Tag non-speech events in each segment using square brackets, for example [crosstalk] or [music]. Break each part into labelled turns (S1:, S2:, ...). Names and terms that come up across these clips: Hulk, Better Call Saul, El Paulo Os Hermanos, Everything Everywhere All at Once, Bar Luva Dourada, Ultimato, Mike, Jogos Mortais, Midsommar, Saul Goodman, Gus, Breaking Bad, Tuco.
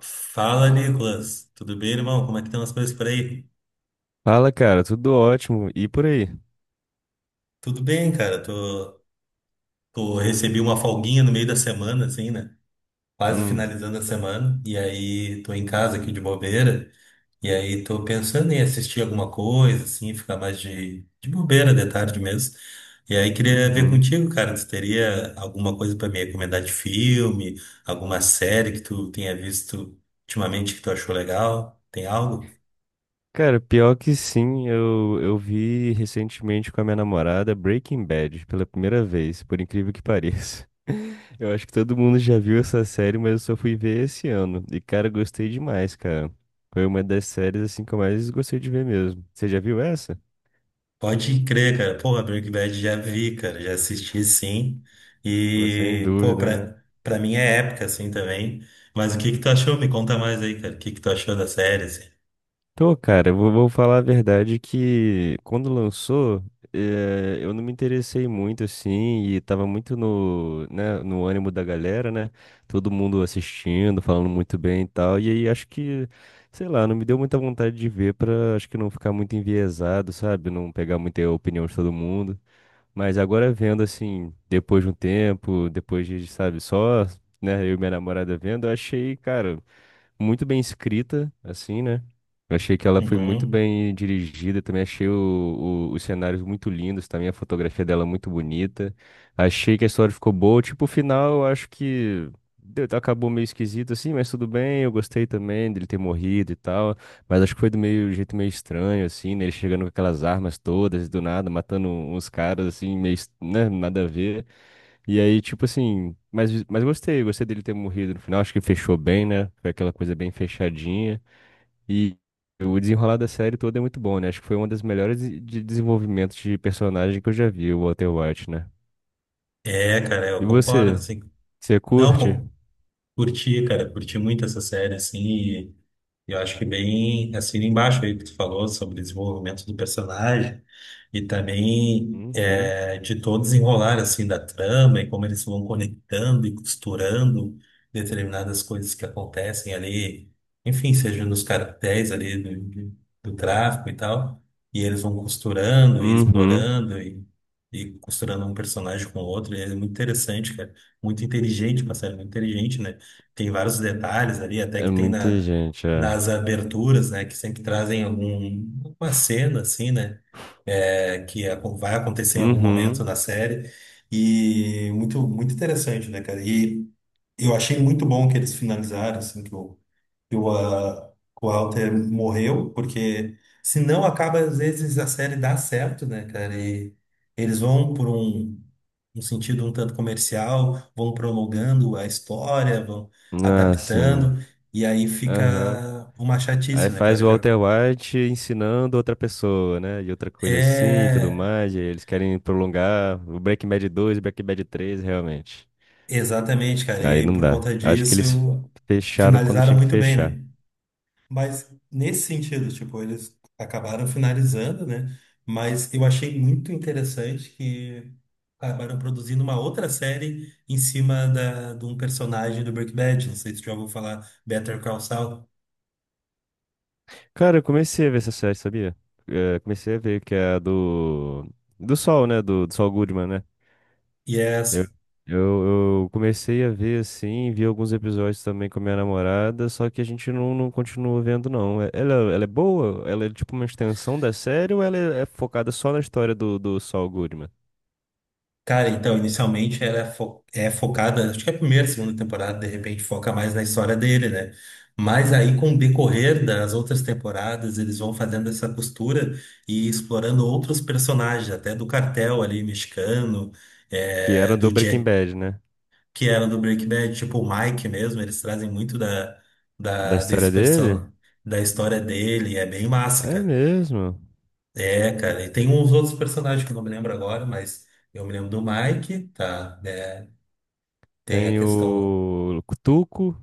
S1: Fala, Nicolas. Tudo bem, irmão? Como é que estão as coisas por aí?
S2: Fala, cara, tudo ótimo. E por aí?
S1: Tudo bem, cara. Tô, recebi uma folguinha no meio da semana, assim, né? Quase
S2: Hum,
S1: finalizando a semana. E aí tô em casa aqui de bobeira. E aí tô pensando em assistir alguma coisa, assim, ficar mais de bobeira de tarde mesmo. E aí queria ver
S2: uhum.
S1: contigo, cara, se teria alguma coisa pra me recomendar de filme, alguma série que tu tenha visto ultimamente que tu achou legal? Tem algo?
S2: Cara, pior que sim, eu vi recentemente com a minha namorada Breaking Bad pela primeira vez, por incrível que pareça. [laughs] Eu acho que todo mundo já viu essa série, mas eu só fui ver esse ano. E, cara, gostei demais, cara. Foi uma das séries, assim, que eu mais gostei de ver mesmo. Você já viu essa?
S1: Pode crer, cara. Porra, Breaking Bad já vi, cara. Já assisti, sim.
S2: Pô, sem
S1: E, pô,
S2: dúvida, né?
S1: pra mim é época, assim, também. Mas o que que tu achou? Me conta mais aí, cara. O que que tu achou da série, assim?
S2: Tô, cara, eu vou falar a verdade que quando lançou, eu não me interessei muito assim e tava muito no, né, no ânimo da galera, né? Todo mundo assistindo, falando muito bem e tal. E aí acho que, sei lá, não me deu muita vontade de ver pra acho que não ficar muito enviesado, sabe? Não pegar muita opinião de todo mundo. Mas agora vendo assim, depois de um tempo, depois de, sabe, só, né, eu e minha namorada vendo, eu achei, cara, muito bem escrita, assim, né? Eu achei que ela foi muito
S1: Uhum.
S2: bem dirigida, também achei os cenários muito lindos, também a fotografia dela muito bonita. Achei que a história ficou boa, tipo, o final eu acho que acabou meio esquisito assim, mas tudo bem, eu gostei também dele ter morrido e tal, mas acho que foi do meio jeito meio estranho assim, né? Ele chegando com aquelas armas todas do nada, matando uns caras assim, meio, né, nada a ver. E aí, tipo assim, mas gostei, gostei dele ter morrido no final, acho que fechou bem, né? Foi aquela coisa bem fechadinha. E o desenrolar da série toda é muito bom, né? Acho que foi uma das melhores de desenvolvimentos de personagem que eu já vi, o Walter White, né?
S1: É, cara,
S2: E
S1: eu concordo,
S2: você?
S1: assim.
S2: Você
S1: Não,
S2: curte?
S1: pô, curti, cara. Curti muito essa série, assim. E eu acho que bem assim embaixo aí que tu falou sobre desenvolvimento do personagem e também
S2: Uhum.
S1: é, de todo desenrolar assim da trama e como eles vão conectando e costurando determinadas coisas que acontecem ali, enfim, seja nos cartéis ali do tráfico e tal, e eles vão costurando e
S2: Uhum.
S1: explorando e costurando um personagem com o outro, e é muito interessante, cara, muito inteligente, uma série muito inteligente, né? Tem vários detalhes ali, até
S2: É
S1: que tem
S2: muita
S1: na
S2: gente, é.
S1: nas aberturas, né, que sempre trazem algum, alguma cena, assim, né, é, vai acontecer em algum momento
S2: Uhum.
S1: na série, e muito, muito interessante, né, cara, e eu achei muito bom que eles finalizaram, assim, que o, ah, que o Walter morreu, porque se não acaba, às vezes a série dá certo, né, cara? E eles vão por um sentido um tanto comercial, vão prolongando a história, vão
S2: Ah, sim.
S1: adaptando, e aí
S2: Aham.
S1: fica uma
S2: Aí
S1: chatice, né,
S2: faz
S1: cara?
S2: o
S1: Já
S2: Walter White ensinando outra pessoa, né? E outra coisa assim e tudo
S1: é
S2: mais. E aí eles querem prolongar o Breaking Bad 2 e Breaking Bad 3, realmente.
S1: exatamente, cara. E
S2: Aí
S1: aí
S2: não
S1: por
S2: dá.
S1: conta
S2: Acho que
S1: disso
S2: eles fecharam quando
S1: finalizaram
S2: tinha que
S1: muito bem,
S2: fechar.
S1: né? Mas nesse sentido, tipo, eles acabaram finalizando, né? Mas eu achei muito interessante que acabaram produzindo uma outra série em cima de um personagem do Breaking Bad. Não sei se já ouviu falar Better Call Saul.
S2: Cara, eu comecei a ver essa série, sabia? Comecei a ver que é a do. Do Sol, né? Do, do Saul Goodman, né?
S1: E é.
S2: Eu, eu comecei a ver assim, vi alguns episódios também com a minha namorada, só que a gente não continua vendo, não. É- Ela é boa? Ela é tipo uma extensão da série ou ela é focada só na história do, do Saul Goodman?
S1: Cara, então, inicialmente ela é, é focada, acho que é a primeira, segunda temporada, de repente foca mais na história dele, né? Mas aí, com o decorrer das outras temporadas, eles vão fazendo essa costura e explorando outros personagens, até do cartel ali mexicano,
S2: Que
S1: é,
S2: era do
S1: do
S2: Breaking
S1: Jack,
S2: Bad, né?
S1: que era do Breaking Bad, tipo o Mike mesmo, eles trazem muito da,
S2: Da
S1: da, desse
S2: história dele?
S1: person, da história dele, é bem massa,
S2: É
S1: cara.
S2: mesmo.
S1: É, cara, e tem uns outros personagens que eu não me lembro agora, mas eu me lembro do Mike, tá? né? Tem a
S2: Tem
S1: questão.
S2: o Tuco,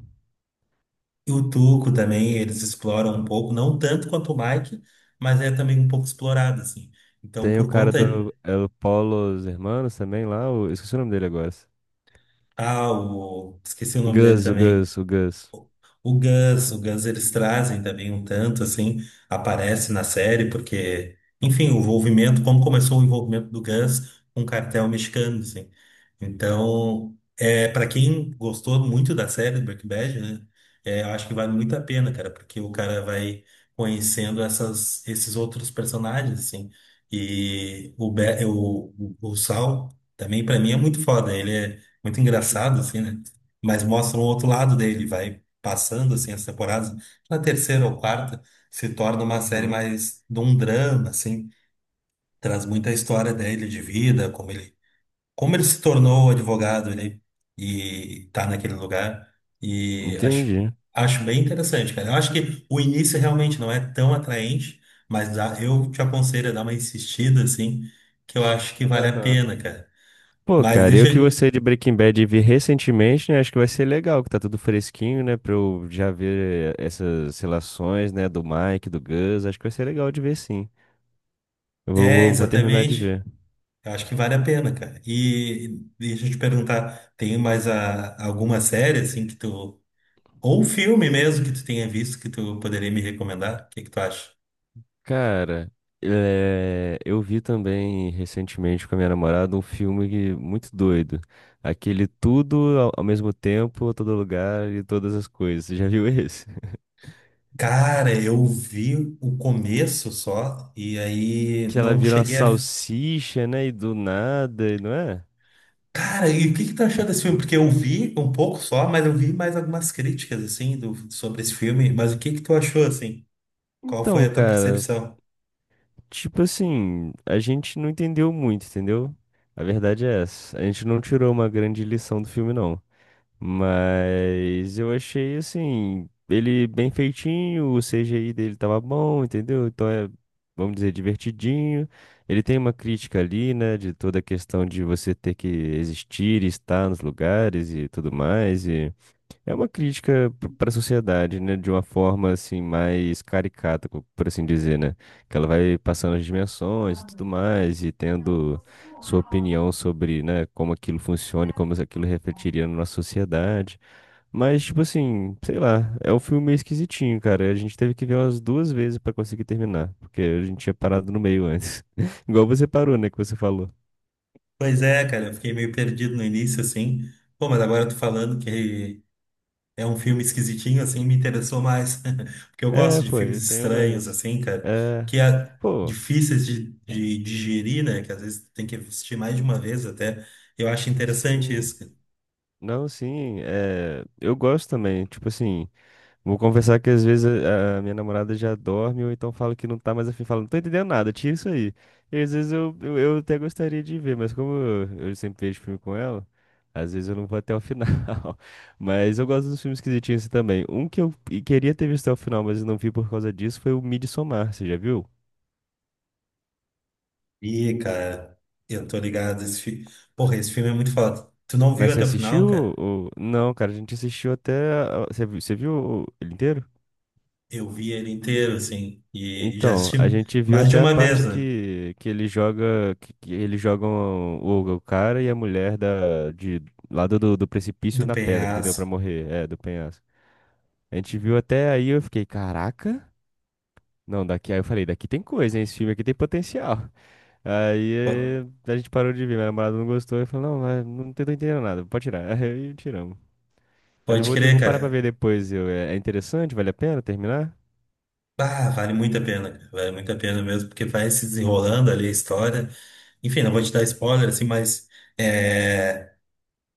S1: E o Tuco também, eles exploram um pouco, não tanto quanto o Mike, mas é também um pouco explorado, assim. Então,
S2: tem o
S1: por
S2: cara
S1: conta.
S2: do El Paulo Os Hermanos também lá, o... esqueci o nome dele agora.
S1: Ah, o... esqueci o nome dele
S2: Gus, o
S1: também.
S2: Gus, o Gus.
S1: O Gus, o Guns eles trazem também um tanto, assim, aparece na série, porque, enfim, o envolvimento, como começou o envolvimento do Guns com o cartel mexicano, assim. Então, é, para quem gostou muito da série do Breaking Bad, né, é, eu acho que vale muito a pena, cara, porque o cara vai conhecendo essas, esses outros personagens, assim. E o, o Saul também, para mim, é muito foda. Ele é muito engraçado, assim, né? Mas mostra um outro lado dele, vai passando assim as temporadas, na terceira ou quarta se torna uma série
S2: Uhum.
S1: mais de um drama, assim, traz muita história dele de vida, como ele se tornou advogado, ele e tá naquele lugar e
S2: Entendi.
S1: acho bem interessante, cara. Eu acho que o início realmente não é tão atraente, mas eu te aconselho a dar uma insistida assim, que eu acho que vale a pena, cara.
S2: Pô,
S1: Mas
S2: cara, eu
S1: deixa
S2: que
S1: eu-
S2: gostei de Breaking Bad e vi recentemente, né? Acho que vai ser legal, que tá tudo fresquinho, né? Pra eu já ver essas relações, né? Do Mike, do Gus. Acho que vai ser legal de ver, sim. Eu vou,
S1: é,
S2: vou, vou terminar de
S1: exatamente.
S2: ver.
S1: Eu acho que vale a pena, cara. E deixa eu te perguntar, tem mais a, alguma série assim que tu ou um filme mesmo que tu tenha visto que tu poderia me recomendar? O que que tu acha?
S2: Cara, é, eu vi também recentemente com a minha namorada um filme muito doido. Aquele tudo ao mesmo tempo, todo lugar e todas as coisas. Você já viu esse? [laughs]
S1: Cara, eu vi o começo só e aí
S2: Que ela
S1: não
S2: vira uma
S1: cheguei a.
S2: salsicha, né? E do nada, e não é?
S1: Cara, e o que que tu achou desse filme? Porque eu vi um pouco só, mas eu vi mais algumas críticas assim sobre esse filme. Mas o que que tu achou assim? Qual foi
S2: Então,
S1: a tua
S2: cara.
S1: percepção?
S2: Tipo assim, a gente não entendeu muito, entendeu? A verdade é essa. A gente não tirou uma grande lição do filme, não. Mas eu achei, assim, ele bem feitinho, o CGI dele tava bom, entendeu? Então é, vamos dizer, divertidinho. Ele tem uma crítica ali, né, de toda a questão de você ter que existir, e estar nos lugares e tudo mais. É uma crítica para a sociedade, né? De uma forma assim mais caricata, por assim dizer, né? Que ela vai passando as dimensões e tudo mais e tendo sua opinião sobre, né, como aquilo funciona e como aquilo refletiria na nossa sociedade. Mas tipo assim, sei lá, é um filme meio esquisitinho, cara. A gente teve que ver umas duas vezes para conseguir terminar, porque a gente tinha parado no meio antes. [laughs] Igual você parou, né, que você falou.
S1: Pois é, cara, eu fiquei meio perdido no início assim. Pô, mas agora eu tô falando que é um filme esquisitinho, assim, me interessou mais. [laughs] Porque eu
S2: É,
S1: gosto de
S2: pô, ele
S1: filmes
S2: tem
S1: estranhos,
S2: umas
S1: assim, cara,
S2: é,
S1: que é
S2: pô,
S1: difíceis de digerir, né? Que às vezes tem que assistir mais de uma vez até. Eu acho interessante
S2: sim.
S1: isso, cara.
S2: Não, sim, é, eu gosto também. Tipo assim, vou confessar que às vezes a minha namorada já dorme ou então fala que não tá mais afim, fala, não tô entendendo nada, tira isso aí. E às vezes eu até gostaria de ver, mas como eu sempre vejo filme com ela, às vezes eu não vou até o final. [laughs] Mas eu gosto dos filmes esquisitinhos assim também. Um que eu e queria ter visto até o final, mas eu não vi por causa disso, foi o Midsommar, você já viu?
S1: Ih, cara, eu tô ligado. Porra, esse filme é muito foda. Tu não viu
S2: Mas você
S1: até o final,
S2: assistiu?
S1: cara?
S2: Ou- Não, cara, a gente assistiu até. A- Você, vi- você viu o- ele inteiro?
S1: Eu vi ele inteiro, assim, e já
S2: Então,
S1: assisti
S2: a gente viu
S1: mais de
S2: até a
S1: uma
S2: parte
S1: vez, né?
S2: que ele joga, que eles jogam o cara e a mulher da, de lado do, do precipício
S1: Do
S2: na pedra, entendeu? Pra
S1: Penhaço.
S2: morrer, é, do penhasco. A gente viu até aí, eu fiquei, caraca, não, daqui, aí eu falei, daqui tem coisa, hein, esse filme aqui tem potencial. Aí
S1: Po-
S2: a gente parou de ver, minha namorada não gostou, e falou não, mas não tô entendendo nada, pode tirar. [laughs] Aí tiramos. Mas eu
S1: Pode
S2: vou,
S1: crer,
S2: vou parar pra
S1: cara.
S2: ver depois, eu, é, é interessante, vale a pena terminar?
S1: Ah, vale muito a pena, cara. Vale muito a pena mesmo, porque vai se desenrolando ali a história. Enfim, não vou te dar spoiler, assim, mas é,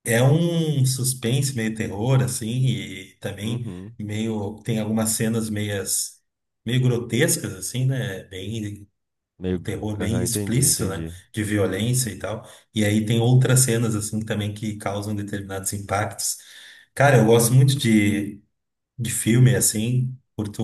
S1: é um suspense meio terror, assim, e também
S2: Uhum.
S1: meio, tem algumas cenas meias, meio grotescas, assim, né? Bem, um
S2: Meio,
S1: terror bem
S2: aham, entendi,
S1: explícito, né?
S2: entendi.
S1: De violência e tal. E aí tem outras cenas, assim, também que causam determinados impactos. Cara, eu gosto muito de filme, assim, curto,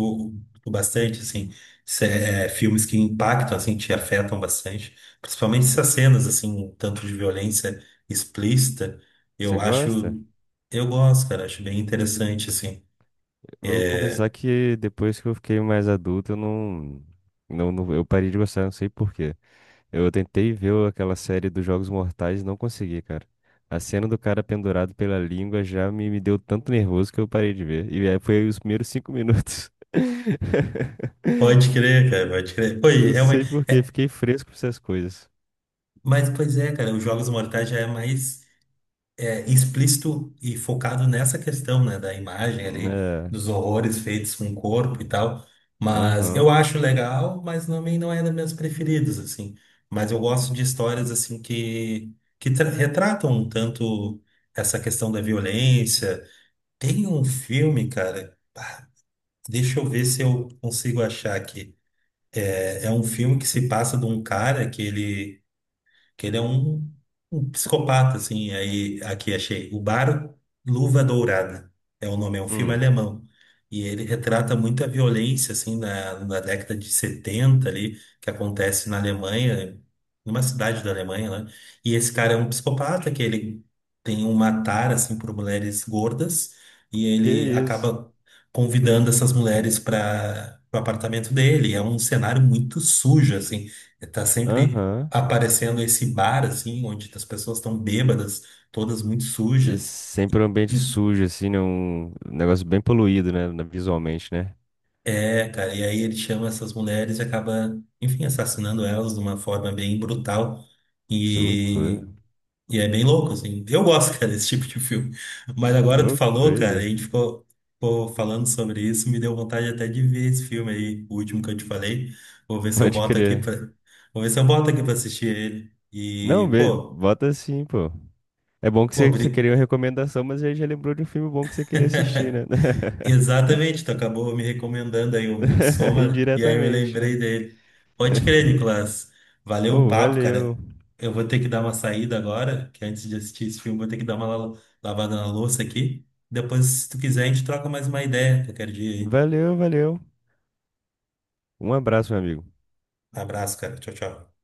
S1: curto bastante, assim, é, filmes que impactam, assim, te afetam bastante, principalmente essas cenas, assim, um tanto de violência explícita,
S2: Você
S1: eu
S2: gosta?
S1: acho, eu gosto, cara, acho bem interessante, assim.
S2: Eu vou confessar
S1: É,
S2: que depois que eu fiquei mais adulto, eu não, eu parei de gostar, não sei por quê. Eu tentei ver aquela série dos Jogos Mortais e não consegui, cara. A cena do cara pendurado pela língua já me deu tanto nervoso que eu parei de ver. E aí foi os primeiros 5 minutos. [laughs]
S1: Pode crer, cara, pode crer. Pô, e
S2: Não sei
S1: realmente,
S2: por quê, fiquei fresco com essas coisas.
S1: mas, pois é, cara, os Jogos Mortais já é mais é, explícito e focado nessa questão, né, da imagem ali,
S2: É,
S1: dos horrores feitos com o corpo e tal. Mas eu
S2: aham,
S1: acho legal, mas também não é dos meus preferidos, assim. Mas eu gosto de histórias, assim, que, retratam um tanto essa questão da violência. Tem um filme, cara, deixa eu ver se eu consigo achar aqui. É, é um filme que se passa de um cara que ele é um, um psicopata, assim. Aí aqui achei o Bar Luva Dourada é o nome, é um filme
S2: hum,
S1: alemão. E ele retrata muita violência, assim, na década de 70 ali, que acontece na Alemanha, numa cidade da Alemanha, né? E esse cara é um psicopata, que ele tem um matar, assim, por mulheres gordas, e
S2: que
S1: ele
S2: isso,
S1: acaba convidando essas mulheres para o apartamento dele. É um cenário muito sujo, assim. Tá sempre
S2: aham.
S1: aparecendo esse bar, assim, onde as pessoas estão bêbadas, todas muito
S2: E
S1: sujas.
S2: sempre um ambiente
S1: E,
S2: sujo, assim, né? Um negócio bem poluído, né? na- Visualmente, né?
S1: é, cara, e aí ele chama essas mulheres e acaba, enfim, assassinando elas de uma forma bem brutal.
S2: Que loucura.
S1: E, e é bem louco, assim. Eu gosto, [laughs] cara, desse tipo de filme. Mas agora tu
S2: Louco,
S1: falou,
S2: doido.
S1: cara, a
S2: É.
S1: gente ficou, ficou falando sobre isso, me deu vontade até de ver esse filme aí, o último que eu te falei. Vou
S2: [laughs]
S1: ver se eu
S2: Pode
S1: boto aqui
S2: crer.
S1: pra, vou ver se eu boto aqui pra assistir ele.
S2: Não,
S1: E, pô,
S2: bota assim, pô. É bom que
S1: pô,
S2: você, você
S1: obrigado.
S2: queria uma recomendação, mas aí já lembrou de um filme bom que você queria assistir, né?
S1: [laughs] Exatamente, tu acabou me recomendando aí o
S2: [laughs]
S1: Midsommar e aí eu
S2: Indiretamente,
S1: lembrei
S2: né?
S1: dele. Pode crer,
S2: [laughs]
S1: Nicolas. Valeu o
S2: Oh,
S1: papo, cara.
S2: valeu.
S1: Eu vou ter que dar uma saída agora, que antes de assistir esse filme, vou ter que dar uma lavada na louça aqui. Depois, se tu quiser, a gente troca mais uma ideia qualquer dia aí.
S2: Valeu, valeu. Um abraço, meu amigo.
S1: Abraço, cara. Tchau, tchau.